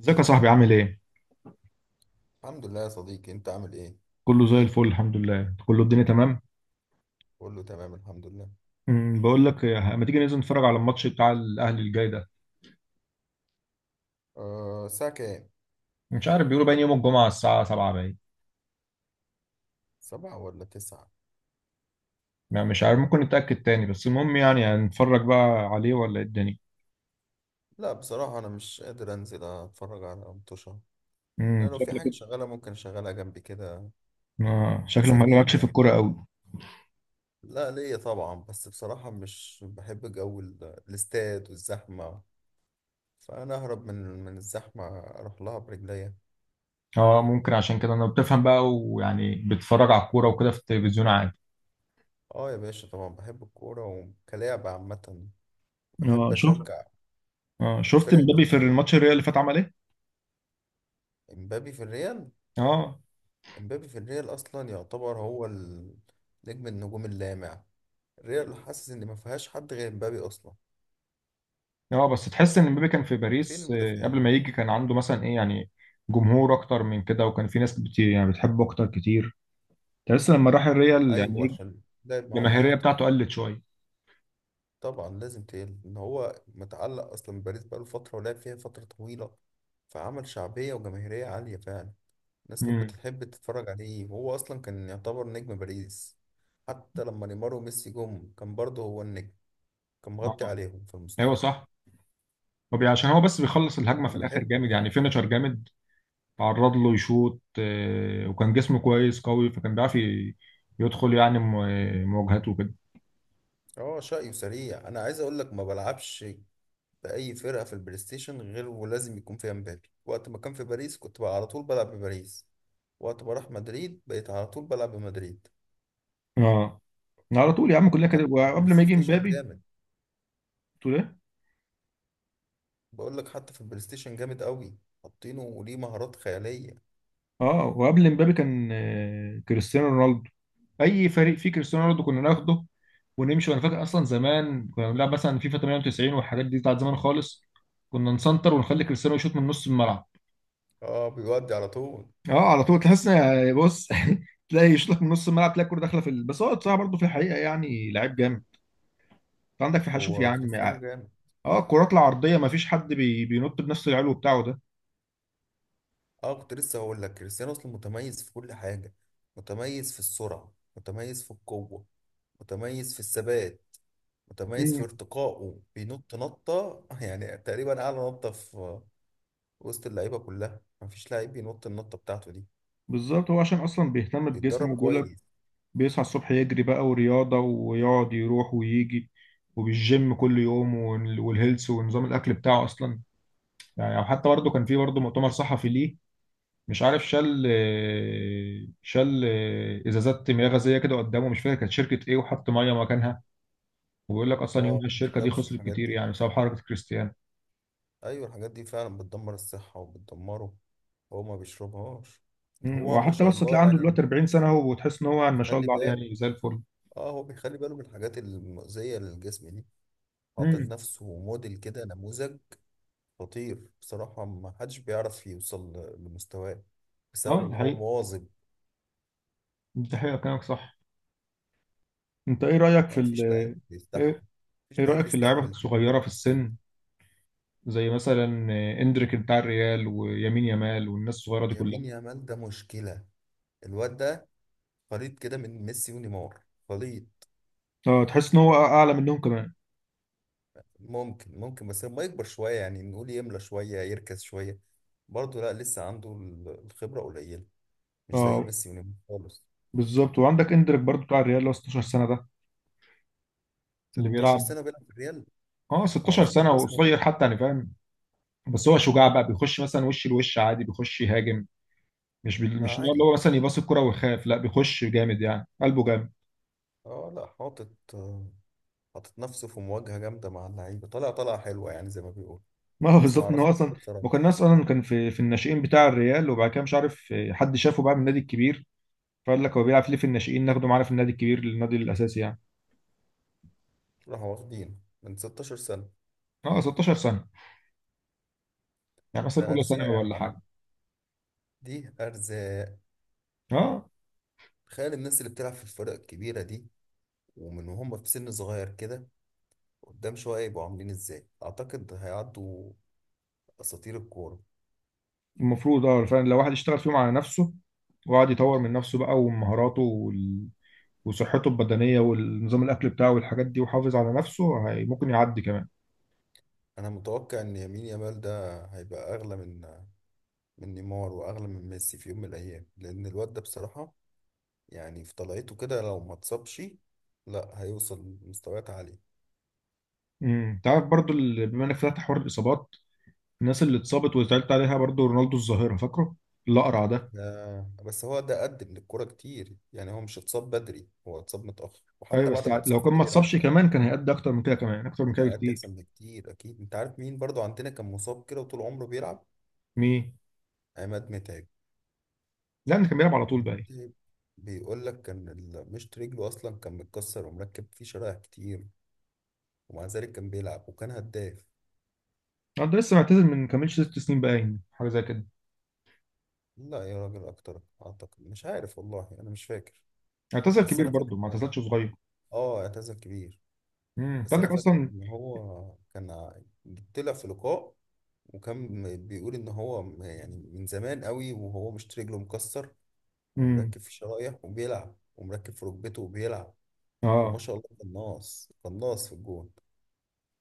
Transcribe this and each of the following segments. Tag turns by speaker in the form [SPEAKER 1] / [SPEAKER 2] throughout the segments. [SPEAKER 1] ازيك يا صاحبي، عامل ايه؟
[SPEAKER 2] الحمد لله يا صديقي، انت عامل ايه؟
[SPEAKER 1] كله زي الفل الحمد لله، كله الدنيا تمام؟
[SPEAKER 2] قول له تمام الحمد لله.
[SPEAKER 1] بقول لك إيه، ما تيجي ننزل نتفرج على الماتش بتاع الاهلي الجاي ده.
[SPEAKER 2] أه، الساعة كام؟
[SPEAKER 1] مش عارف، بيقولوا باين يوم الجمعة الساعة 7، باين.
[SPEAKER 2] سبعة ولا تسعة؟
[SPEAKER 1] ما مش عارف، ممكن نتأكد تاني، بس المهم يعني هنتفرج بقى عليه ولا ايه الدنيا؟
[SPEAKER 2] لا بصراحة انا مش قادر انزل اتفرج على مطوشة. انا لو في
[SPEAKER 1] شكلك
[SPEAKER 2] حاجة
[SPEAKER 1] كده.
[SPEAKER 2] شغالة ممكن اشغلها جنبي كده،
[SPEAKER 1] شكلك
[SPEAKER 2] تسليني
[SPEAKER 1] مالكش في
[SPEAKER 2] يعني.
[SPEAKER 1] الكورة قوي.
[SPEAKER 2] لا ليا طبعا، بس بصراحة مش بحب جو الاستاد والزحمة، فانا اهرب من الزحمة اروح لها برجليا.
[SPEAKER 1] اه ممكن، عشان كده انا بتفهم بقى، ويعني بتتفرج على الكورة وكده في التلفزيون عادي.
[SPEAKER 2] اه يا باشا، طبعا بحب الكورة وكلاعب عامة، بحب
[SPEAKER 1] اه شفت.
[SPEAKER 2] اشجع.
[SPEAKER 1] اه شفت
[SPEAKER 2] الفرق اللي
[SPEAKER 1] مبابي في
[SPEAKER 2] حلوة.
[SPEAKER 1] الماتش الريال اللي فات، عمل ايه؟
[SPEAKER 2] امبابي في الريال
[SPEAKER 1] اه.
[SPEAKER 2] امبابي في الريال اصلا يعتبر هو نجم النجوم اللامع. الريال حاسس ان ما فيهاش حد غير امبابي اصلا.
[SPEAKER 1] اه بس تحس ان مبابي كان في
[SPEAKER 2] فين
[SPEAKER 1] باريس، قبل
[SPEAKER 2] المدافعين؟
[SPEAKER 1] ما يجي كان عنده مثلا ايه، يعني جمهور اكتر من كده، وكان في ناس يعني بتحبه اكتر كتير. تحس لما راح الريال يعني
[SPEAKER 2] ايوه،
[SPEAKER 1] ايه،
[SPEAKER 2] عشان لعب معاهم
[SPEAKER 1] الجماهيريه
[SPEAKER 2] اكتر.
[SPEAKER 1] بتاعته قلت شويه.
[SPEAKER 2] طبعا لازم تقل، ان هو متعلق اصلا بباريس، بقاله فتره ولعب فيها فتره طويله، فعمل شعبيه وجماهيريه عاليه فعلا. الناس كانت
[SPEAKER 1] امم.
[SPEAKER 2] بتحب تتفرج عليه، وهو اصلا كان يعتبر نجم باريس. حتى لما نيمار وميسي جم كان برضه هو النجم، كان مغطي
[SPEAKER 1] اه.
[SPEAKER 2] عليهم في المستوى.
[SPEAKER 1] ايوه صح. عشان هو بس بيخلص الهجمه في
[SPEAKER 2] انا
[SPEAKER 1] الاخر
[SPEAKER 2] بحبه.
[SPEAKER 1] جامد، يعني فينيشر جامد. تعرض له يشوط، وكان جسمه كويس قوي، فكان بيعرف يدخل يعني مواجهات وكده.
[SPEAKER 2] اه شقي وسريع. انا عايز اقول لك ما بلعبش باي فرقه في البلاي ستيشن غير ولازم يكون فيها مبابي. وقت ما كان في باريس كنت بقى على طول بلعب بباريس، وقت ما راح مدريد بقيت على طول بلعب بمدريد.
[SPEAKER 1] اه على طول يا عم، كلها كده،
[SPEAKER 2] حتى في البلاي
[SPEAKER 1] وقبل ما يجي
[SPEAKER 2] ستيشن
[SPEAKER 1] مبابي
[SPEAKER 2] جامد.
[SPEAKER 1] تقول ايه.
[SPEAKER 2] بقول لك حتى في البلاي ستيشن جامد قوي، حاطينه وليه مهارات خياليه.
[SPEAKER 1] اه وقبل مبابي كان كريستيانو رونالدو. اي فريق فيه كريستيانو رونالدو كنا ناخده ونمشي. وانا فاكر اصلا زمان كنا بنلعب مثلا فيفا 98 والحاجات دي بتاعت زمان خالص. كنا نسنتر ونخلي كريستيانو يشوط من نص الملعب.
[SPEAKER 2] اه بيودي على طول.
[SPEAKER 1] اه على طول، تحس بص تلاقي يشوط لك من نص الملعب، تلاقي الكوره داخله بس هو بصراحه برضه في الحقيقه يعني لعيب جامد. انت عندك في حشوف يا
[SPEAKER 2] هو
[SPEAKER 1] عم.
[SPEAKER 2] كريستيانو
[SPEAKER 1] اه
[SPEAKER 2] جامد.
[SPEAKER 1] الكرات العرضيه ما فيش حد بينط بنفس العلو بتاعه ده.
[SPEAKER 2] اه كنت لسه هقول لك، كريستيانو اصلا متميز في كل حاجه، متميز في السرعه، متميز في القوه، متميز في الثبات، متميز في
[SPEAKER 1] مم.
[SPEAKER 2] ارتقائه، بينط نطة يعني تقريبا أعلى نطة في وسط اللعيبة كلها. مفيش لعيب بينط النطة بتاعته دي.
[SPEAKER 1] بالظبط، هو عشان اصلا بيهتم بجسمه،
[SPEAKER 2] بيتدرب
[SPEAKER 1] وبيقول
[SPEAKER 2] كويس.
[SPEAKER 1] بيصحى الصبح يجري بقى ورياضة، ويقعد يروح ويجي، وبالجيم كل يوم، والهيلث، ونظام الأكل بتاعه أصلا. يعني أو حتى برضه كان في برضه مؤتمر صحفي ليه، مش عارف، شال إزازات مياه غازية كده قدامه، مش فاكر كانت شركة إيه، وحط مية مكانها. وبيقول لك أصلا
[SPEAKER 2] اه
[SPEAKER 1] يومها
[SPEAKER 2] ما
[SPEAKER 1] الشركة دي
[SPEAKER 2] بيشربش
[SPEAKER 1] خسرت
[SPEAKER 2] الحاجات
[SPEAKER 1] كتير،
[SPEAKER 2] دي.
[SPEAKER 1] يعني بسبب حركة كريستيانو.
[SPEAKER 2] أيوة الحاجات دي فعلا بتدمر الصحة وبتدمره، هو ما بيشربهاش. ده
[SPEAKER 1] مم.
[SPEAKER 2] هو ما
[SPEAKER 1] وحتى
[SPEAKER 2] شاء
[SPEAKER 1] بس
[SPEAKER 2] الله
[SPEAKER 1] تلاقي عنده
[SPEAKER 2] يعني.
[SPEAKER 1] دلوقتي 40 سنة أهو، وتحس إن هو ما شاء
[SPEAKER 2] بيخلي
[SPEAKER 1] الله عليه
[SPEAKER 2] باله.
[SPEAKER 1] يعني زي الفل.
[SPEAKER 2] اه هو بيخلي باله من الحاجات المؤذية للجسم دي. حاطط
[SPEAKER 1] امم.
[SPEAKER 2] لنفسه موديل كده، نموذج خطير بصراحة. ما حدش بيعرف يوصل لمستواه، بسبب
[SPEAKER 1] أه دي
[SPEAKER 2] إن هو
[SPEAKER 1] حقيقة.
[SPEAKER 2] مواظب.
[SPEAKER 1] دي حقيقة، كلامك صح. أنت إيه رأيك في
[SPEAKER 2] يعني
[SPEAKER 1] ال
[SPEAKER 2] مفيش لعيب بيستحمل،
[SPEAKER 1] إيه، ايه رأيك في اللعيبة
[SPEAKER 2] تدريبات
[SPEAKER 1] الصغيرة في
[SPEAKER 2] كريستيانو دي.
[SPEAKER 1] السن، زي مثلا اندريك بتاع الريال، ويمين يامال، والناس الصغيرة دي كلها.
[SPEAKER 2] يمين يامال ده مشكلة. الواد ده خليط كده من ميسي ونيمار، خليط.
[SPEAKER 1] اه، تحس ان هو اعلى منهم كمان.
[SPEAKER 2] ممكن ممكن بس لما يكبر شوية، يعني نقول يملى شوية، يركز شوية. برضه لا لسه عنده الخبرة قليلة، مش زي
[SPEAKER 1] اه
[SPEAKER 2] ميسي ونيمار خالص.
[SPEAKER 1] بالظبط، وعندك اندريك برضو بتاع الريال اللي هو 16 سنة ده، اللي
[SPEAKER 2] 16
[SPEAKER 1] بيلعب.
[SPEAKER 2] سنة بيلعب في الريال.
[SPEAKER 1] اه 16
[SPEAKER 2] معرفوش
[SPEAKER 1] سنة
[SPEAKER 2] ده اسمه
[SPEAKER 1] وقصير
[SPEAKER 2] ايه.
[SPEAKER 1] حتى، يعني فاهم. بس هو شجاع بقى، بيخش مثلا وش لوش عادي، بيخش يهاجم.
[SPEAKER 2] ما
[SPEAKER 1] مش اللي
[SPEAKER 2] عادي.
[SPEAKER 1] هو مثلا يباص الكرة ويخاف، لا بيخش جامد، يعني قلبه جامد.
[SPEAKER 2] اه لا حاطط، حاطط نفسه في مواجهة جامدة مع اللعيبة، طالع طالعة حلوة يعني زي ما بيقول.
[SPEAKER 1] ما هو
[SPEAKER 2] بس
[SPEAKER 1] بالظبط ان
[SPEAKER 2] معرفوش
[SPEAKER 1] هو اصلا
[SPEAKER 2] بصراحة.
[SPEAKER 1] ما كان الناس اصلا، كان في الناشئين بتاع الريال، وبعد كده مش عارف، حد شافه بقى من النادي الكبير، فقال لك هو بيلعب ليه في الناشئين، ناخده معانا في النادي الكبير، للنادي الاساسي يعني.
[SPEAKER 2] راحوا واخدين من 16 سنة.
[SPEAKER 1] اه 16 سنه، يعني مثلا
[SPEAKER 2] ده
[SPEAKER 1] اولى
[SPEAKER 2] أرزاق
[SPEAKER 1] ثانوي
[SPEAKER 2] يا
[SPEAKER 1] ولا حاجه.
[SPEAKER 2] معلم، دي أرزاق.
[SPEAKER 1] اه.
[SPEAKER 2] تخيل الناس اللي بتلعب في الفرق الكبيرة دي، ومن وهم في سن صغير كده، قدام شوية يبقوا عاملين ازاي. أعتقد هيعدوا أساطير الكورة.
[SPEAKER 1] المفروض اه فعلا لو واحد يشتغل فيهم على نفسه، وقعد يطور من نفسه بقى، ومهاراته، وصحته البدنيه، والنظام الاكل بتاعه، والحاجات دي، وحافظ على نفسه، هي ممكن يعدي كمان.
[SPEAKER 2] أنا متوقع إن يمين يامال ده هيبقى أغلى من نيمار وأغلى من ميسي في يوم من الأيام، لأن الواد ده بصراحة يعني في طلعته كده لو ما اتصابش، لا هيوصل لمستويات عالية.
[SPEAKER 1] امم، تعرف برضو بما انك فتحت حوار الاصابات، الناس اللي اتصابت وزعلت عليها، برضو رونالدو الظاهره، فاكره الاقرع ده.
[SPEAKER 2] ده بس هو ده قدم للكورة كتير، يعني هو مش اتصاب بدري، هو اتصاب متأخر
[SPEAKER 1] ايوه
[SPEAKER 2] وحتى بعد
[SPEAKER 1] بس
[SPEAKER 2] ما اتصاب
[SPEAKER 1] لو كان ما
[SPEAKER 2] فضل يلعب
[SPEAKER 1] اتصابش
[SPEAKER 2] شوية.
[SPEAKER 1] كمان كان هيأدي اكتر من كده، كمان اكتر من
[SPEAKER 2] انا
[SPEAKER 1] كده
[SPEAKER 2] هيأدي
[SPEAKER 1] بكتير.
[SPEAKER 2] احسن بكتير اكيد. انت عارف مين برضو عندنا كان مصاب كده وطول عمره بيلعب؟
[SPEAKER 1] مين؟
[SPEAKER 2] عماد متعب.
[SPEAKER 1] لا ده كان بيلعب على طول بقى.
[SPEAKER 2] متعب بيقول لك كان مشط رجله اصلا كان متكسر ومركب فيه شرايح كتير، ومع ذلك كان بيلعب وكان هداف.
[SPEAKER 1] اه ده لسه معتزل من كملش ست سنين باين، حاجه زي كده.
[SPEAKER 2] لا يا راجل اكتر اعتقد، مش عارف والله انا مش فاكر.
[SPEAKER 1] اعتزل
[SPEAKER 2] بس
[SPEAKER 1] كبير
[SPEAKER 2] انا فاكر،
[SPEAKER 1] برضه ما اعتزلش صغير.
[SPEAKER 2] اه اعتزل كبير.
[SPEAKER 1] امم، انت
[SPEAKER 2] بس انا
[SPEAKER 1] عندك
[SPEAKER 2] فاكر
[SPEAKER 1] اصلا.
[SPEAKER 2] ان هو كان طلع في لقاء وكان بيقول ان هو يعني من زمان قوي وهو مشط رجله مكسر
[SPEAKER 1] امم.
[SPEAKER 2] ومركب في شرايح وبيلعب، ومركب في ركبته وبيلعب. وما
[SPEAKER 1] اه.
[SPEAKER 2] شاء الله قناص، قناص في الجون.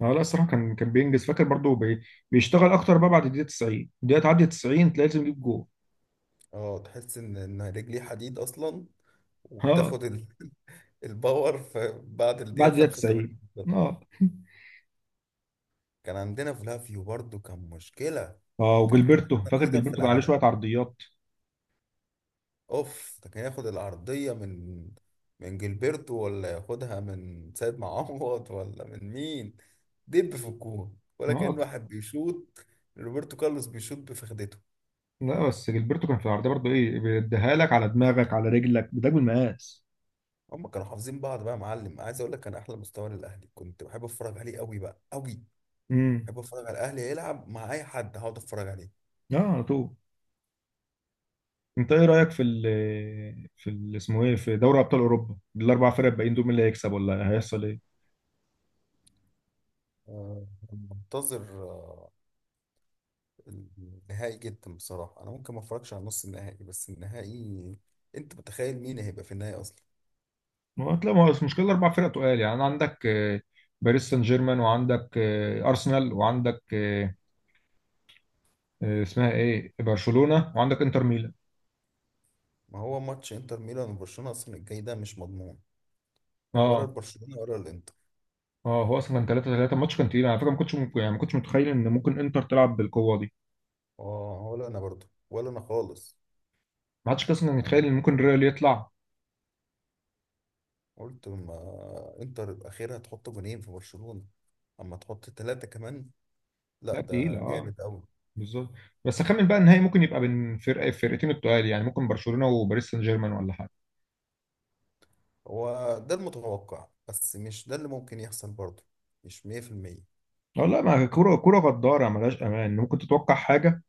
[SPEAKER 1] اه لا الصراحه، كان بينجز، فاكر برضه بيشتغل اكتر بقى بعد الدقيقه 90، الدقيقه تعدي 90 تلاقي لازم يجيب جول.
[SPEAKER 2] اه تحس ان رجليه حديد اصلا،
[SPEAKER 1] اه
[SPEAKER 2] وبتاخد ال... الباور في بعد
[SPEAKER 1] بعد
[SPEAKER 2] الدقيقة
[SPEAKER 1] الدقيقه
[SPEAKER 2] 85.
[SPEAKER 1] 90.
[SPEAKER 2] بالظبط.
[SPEAKER 1] اه
[SPEAKER 2] كان عندنا فلافيو برضو كان مشكلة،
[SPEAKER 1] اه،
[SPEAKER 2] كان
[SPEAKER 1] وجilberto،
[SPEAKER 2] احسن
[SPEAKER 1] فاكر
[SPEAKER 2] هيدر في
[SPEAKER 1] جilberto كان عليه
[SPEAKER 2] العالم.
[SPEAKER 1] شويه عرضيات.
[SPEAKER 2] اوف ده كان ياخد العرضية من جilberto، ولا ياخدها من سيد معوض، ولا من مين، دب في الجون ولا كأن
[SPEAKER 1] اه
[SPEAKER 2] واحد بيشوط روبرتو كارلوس بيشوط بفخدته.
[SPEAKER 1] لا بس جilberto كان في العرضيه برضه ايه، بيديها لك على دماغك، على رجلك، بداك بالمقاس.
[SPEAKER 2] هم كانوا حافظين بعض بقى يا معلم. عايز اقول لك كان احلى مستوى للاهلي، كنت بحب اتفرج عليه قوي بقى، قوي.
[SPEAKER 1] امم.
[SPEAKER 2] بحب اتفرج على الاهلي يلعب مع اي حد، هقعد اتفرج عليه.
[SPEAKER 1] اه على طول. انت ايه رايك في ال اسمه ايه، في دوري ابطال اوروبا، الاربع فرق الباقيين دول مين اللي هيكسب ولا هيحصل ايه؟
[SPEAKER 2] آه، منتظر آه، النهائي جدا بصراحه. انا ممكن ما اتفرجش على نص النهائي، بس النهائي. انت متخيل مين هيبقى في النهائي اصلا؟
[SPEAKER 1] ما هو المشكله، الاربع فرق تقال يعني، عندك باريس سان جيرمان، وعندك ارسنال، وعندك اسمها ايه برشلونه، وعندك انتر ميلان.
[SPEAKER 2] ما هو ماتش انتر ميلان وبرشلونه اصلا الجاي ده مش مضمون، ولا
[SPEAKER 1] اه.
[SPEAKER 2] البرشلونه ولا الانتر.
[SPEAKER 1] اه هو اصلا كان 3-3، الماتش كان تقيل على فكره، ما كنتش ممكن يعني، ما كنتش متخيل ان ممكن انتر تلعب بالقوه دي.
[SPEAKER 2] اه ولا انا برضو، ولا انا خالص.
[SPEAKER 1] ما حدش اصلا كان
[SPEAKER 2] أنا
[SPEAKER 1] يتخيل ان ممكن
[SPEAKER 2] قلت
[SPEAKER 1] ريال يطلع.
[SPEAKER 2] قلت ما انتر اخيرا هتحط جونين في برشلونه، اما تحط ثلاثه كمان، لا
[SPEAKER 1] لا تقيله
[SPEAKER 2] ده
[SPEAKER 1] اه،
[SPEAKER 2] جامد قوي.
[SPEAKER 1] بالظبط. بس اخمن بقى النهائي ممكن يبقى بين فرقتين التقال، يعني ممكن برشلونه وباريس سان جيرمان ولا حاجه.
[SPEAKER 2] هو ده المتوقع، بس مش ده اللي ممكن يحصل برضه، مش 100%.
[SPEAKER 1] اه لا، ما كوره كوره غداره ملهاش امان، ممكن تتوقع حاجه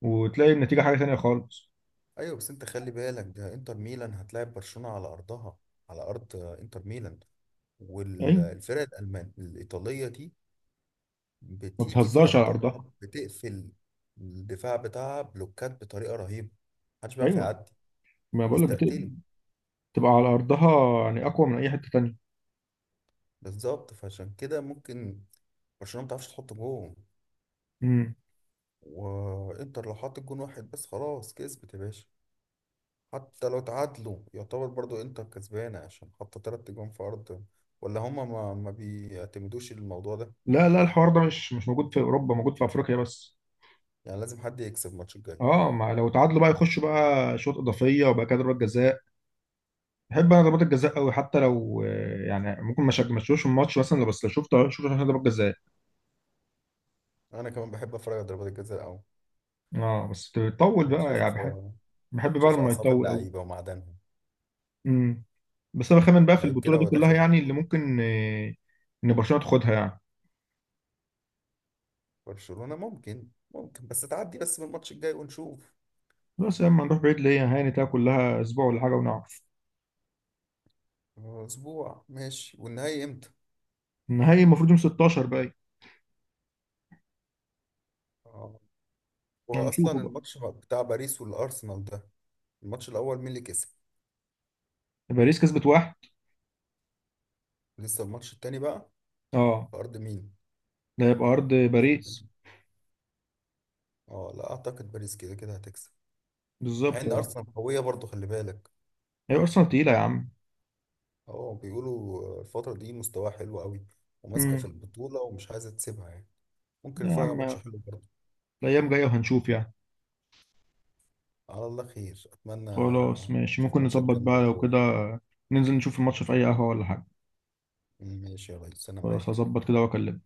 [SPEAKER 1] وتلاقي النتيجه حاجه تانية خالص.
[SPEAKER 2] ايوه بس انت خلي بالك، ده انتر ميلان هتلاعب برشلونة على ارضها، على ارض انتر ميلان.
[SPEAKER 1] ايوه،
[SPEAKER 2] والفرق الالمان الايطالية دي
[SPEAKER 1] ما
[SPEAKER 2] بتيجي في
[SPEAKER 1] بتهزرش على
[SPEAKER 2] ارضها،
[SPEAKER 1] ارضها.
[SPEAKER 2] بتقفل الدفاع بتاعها بلوكات بطريقة رهيبة، محدش بيعرف
[SPEAKER 1] ايوه،
[SPEAKER 2] يعدي،
[SPEAKER 1] ما بقول لك بتبقى
[SPEAKER 2] يستقتلوا.
[SPEAKER 1] على ارضها، يعني اقوى من اي حته تانية.
[SPEAKER 2] بالظبط، فعشان كده ممكن برشلونة ما بتعرفش تحط جون.
[SPEAKER 1] امم.
[SPEAKER 2] وانتر لو حط جون واحد بس خلاص كسبت يا باشا. حتى لو تعادلوا يعتبر برضو انتر كسبانة، عشان حاطة تلات جون في أرض. ولا هما ما بيعتمدوش الموضوع ده.
[SPEAKER 1] لا لا، الحوار ده مش موجود في اوروبا، موجود في افريقيا بس.
[SPEAKER 2] يعني لازم حد يكسب الماتش الجاي.
[SPEAKER 1] اه، ما لو تعادلوا بقى يخشوا بقى شوط اضافيه، وبقى كده ضربات جزاء. بحب انا ضربات الجزاء قوي، حتى لو يعني ممكن ما شفتوش الماتش مثلا، لو بس لو شفته، شفت عشان ضربات جزاء.
[SPEAKER 2] أنا كمان بحب أتفرج على ضربات الجزاء أوي.
[SPEAKER 1] اه بس تطول بقى، يعني
[SPEAKER 2] بتشوف
[SPEAKER 1] بحب بقى
[SPEAKER 2] تشوف
[SPEAKER 1] لما
[SPEAKER 2] أعصاب
[SPEAKER 1] يطول
[SPEAKER 2] اللعيبة ومعدنهم.
[SPEAKER 1] قوي. بس انا بخمن بقى في
[SPEAKER 2] لعيب
[SPEAKER 1] البطوله
[SPEAKER 2] كده
[SPEAKER 1] دي
[SPEAKER 2] وهو
[SPEAKER 1] كلها،
[SPEAKER 2] داخل
[SPEAKER 1] يعني اللي
[SPEAKER 2] يشوط،
[SPEAKER 1] ممكن ان برشلونه تاخدها يعني.
[SPEAKER 2] برشلونة ممكن، ممكن بس تعدي بس بالماتش الجاي ونشوف.
[SPEAKER 1] بس لما نروح بعيد ليه هاني تلاقي كلها اسبوع ولا حاجه ونعرف.
[SPEAKER 2] أسبوع ماشي، والنهائي إمتى؟
[SPEAKER 1] النهائي المفروض يوم 16 بقى،
[SPEAKER 2] آه،
[SPEAKER 1] يعني هنشوفه
[SPEAKER 2] وأصلا
[SPEAKER 1] بقى.
[SPEAKER 2] الماتش بتاع باريس والأرسنال ده، الماتش الأول مين اللي كسب؟
[SPEAKER 1] باريس كسبت واحد.
[SPEAKER 2] لسه الماتش التاني بقى،
[SPEAKER 1] اه
[SPEAKER 2] في أرض مين؟
[SPEAKER 1] ده يبقى ارض
[SPEAKER 2] اتفضل.
[SPEAKER 1] باريس.
[SPEAKER 2] اه لا اعتقد باريس كده كده هتكسب. مع
[SPEAKER 1] بالظبط
[SPEAKER 2] ان
[SPEAKER 1] اه.
[SPEAKER 2] ارسنال قويه برضو خلي بالك.
[SPEAKER 1] هي ارسنال تقيله يا عم.
[SPEAKER 2] اه بيقولوا الفتره دي مستواها حلو قوي، وماسكه في
[SPEAKER 1] امم.
[SPEAKER 2] البطوله ومش عايزه تسيبها يعني. ممكن
[SPEAKER 1] يا
[SPEAKER 2] نتفرج على
[SPEAKER 1] عم
[SPEAKER 2] ماتش حلو برضو.
[SPEAKER 1] الايام جايه وهنشوف يعني.
[SPEAKER 2] على الله خير، اتمنى
[SPEAKER 1] خلاص ماشي،
[SPEAKER 2] نشوف
[SPEAKER 1] ممكن
[SPEAKER 2] ماتشات
[SPEAKER 1] نظبط
[SPEAKER 2] جامده
[SPEAKER 1] بقى لو
[SPEAKER 2] وقويه.
[SPEAKER 1] كده ننزل نشوف الماتش في اي قهوه ولا حاجه.
[SPEAKER 2] ماشي يا ريس انا
[SPEAKER 1] خلاص
[SPEAKER 2] معاك.
[SPEAKER 1] هظبط كده واكلمك.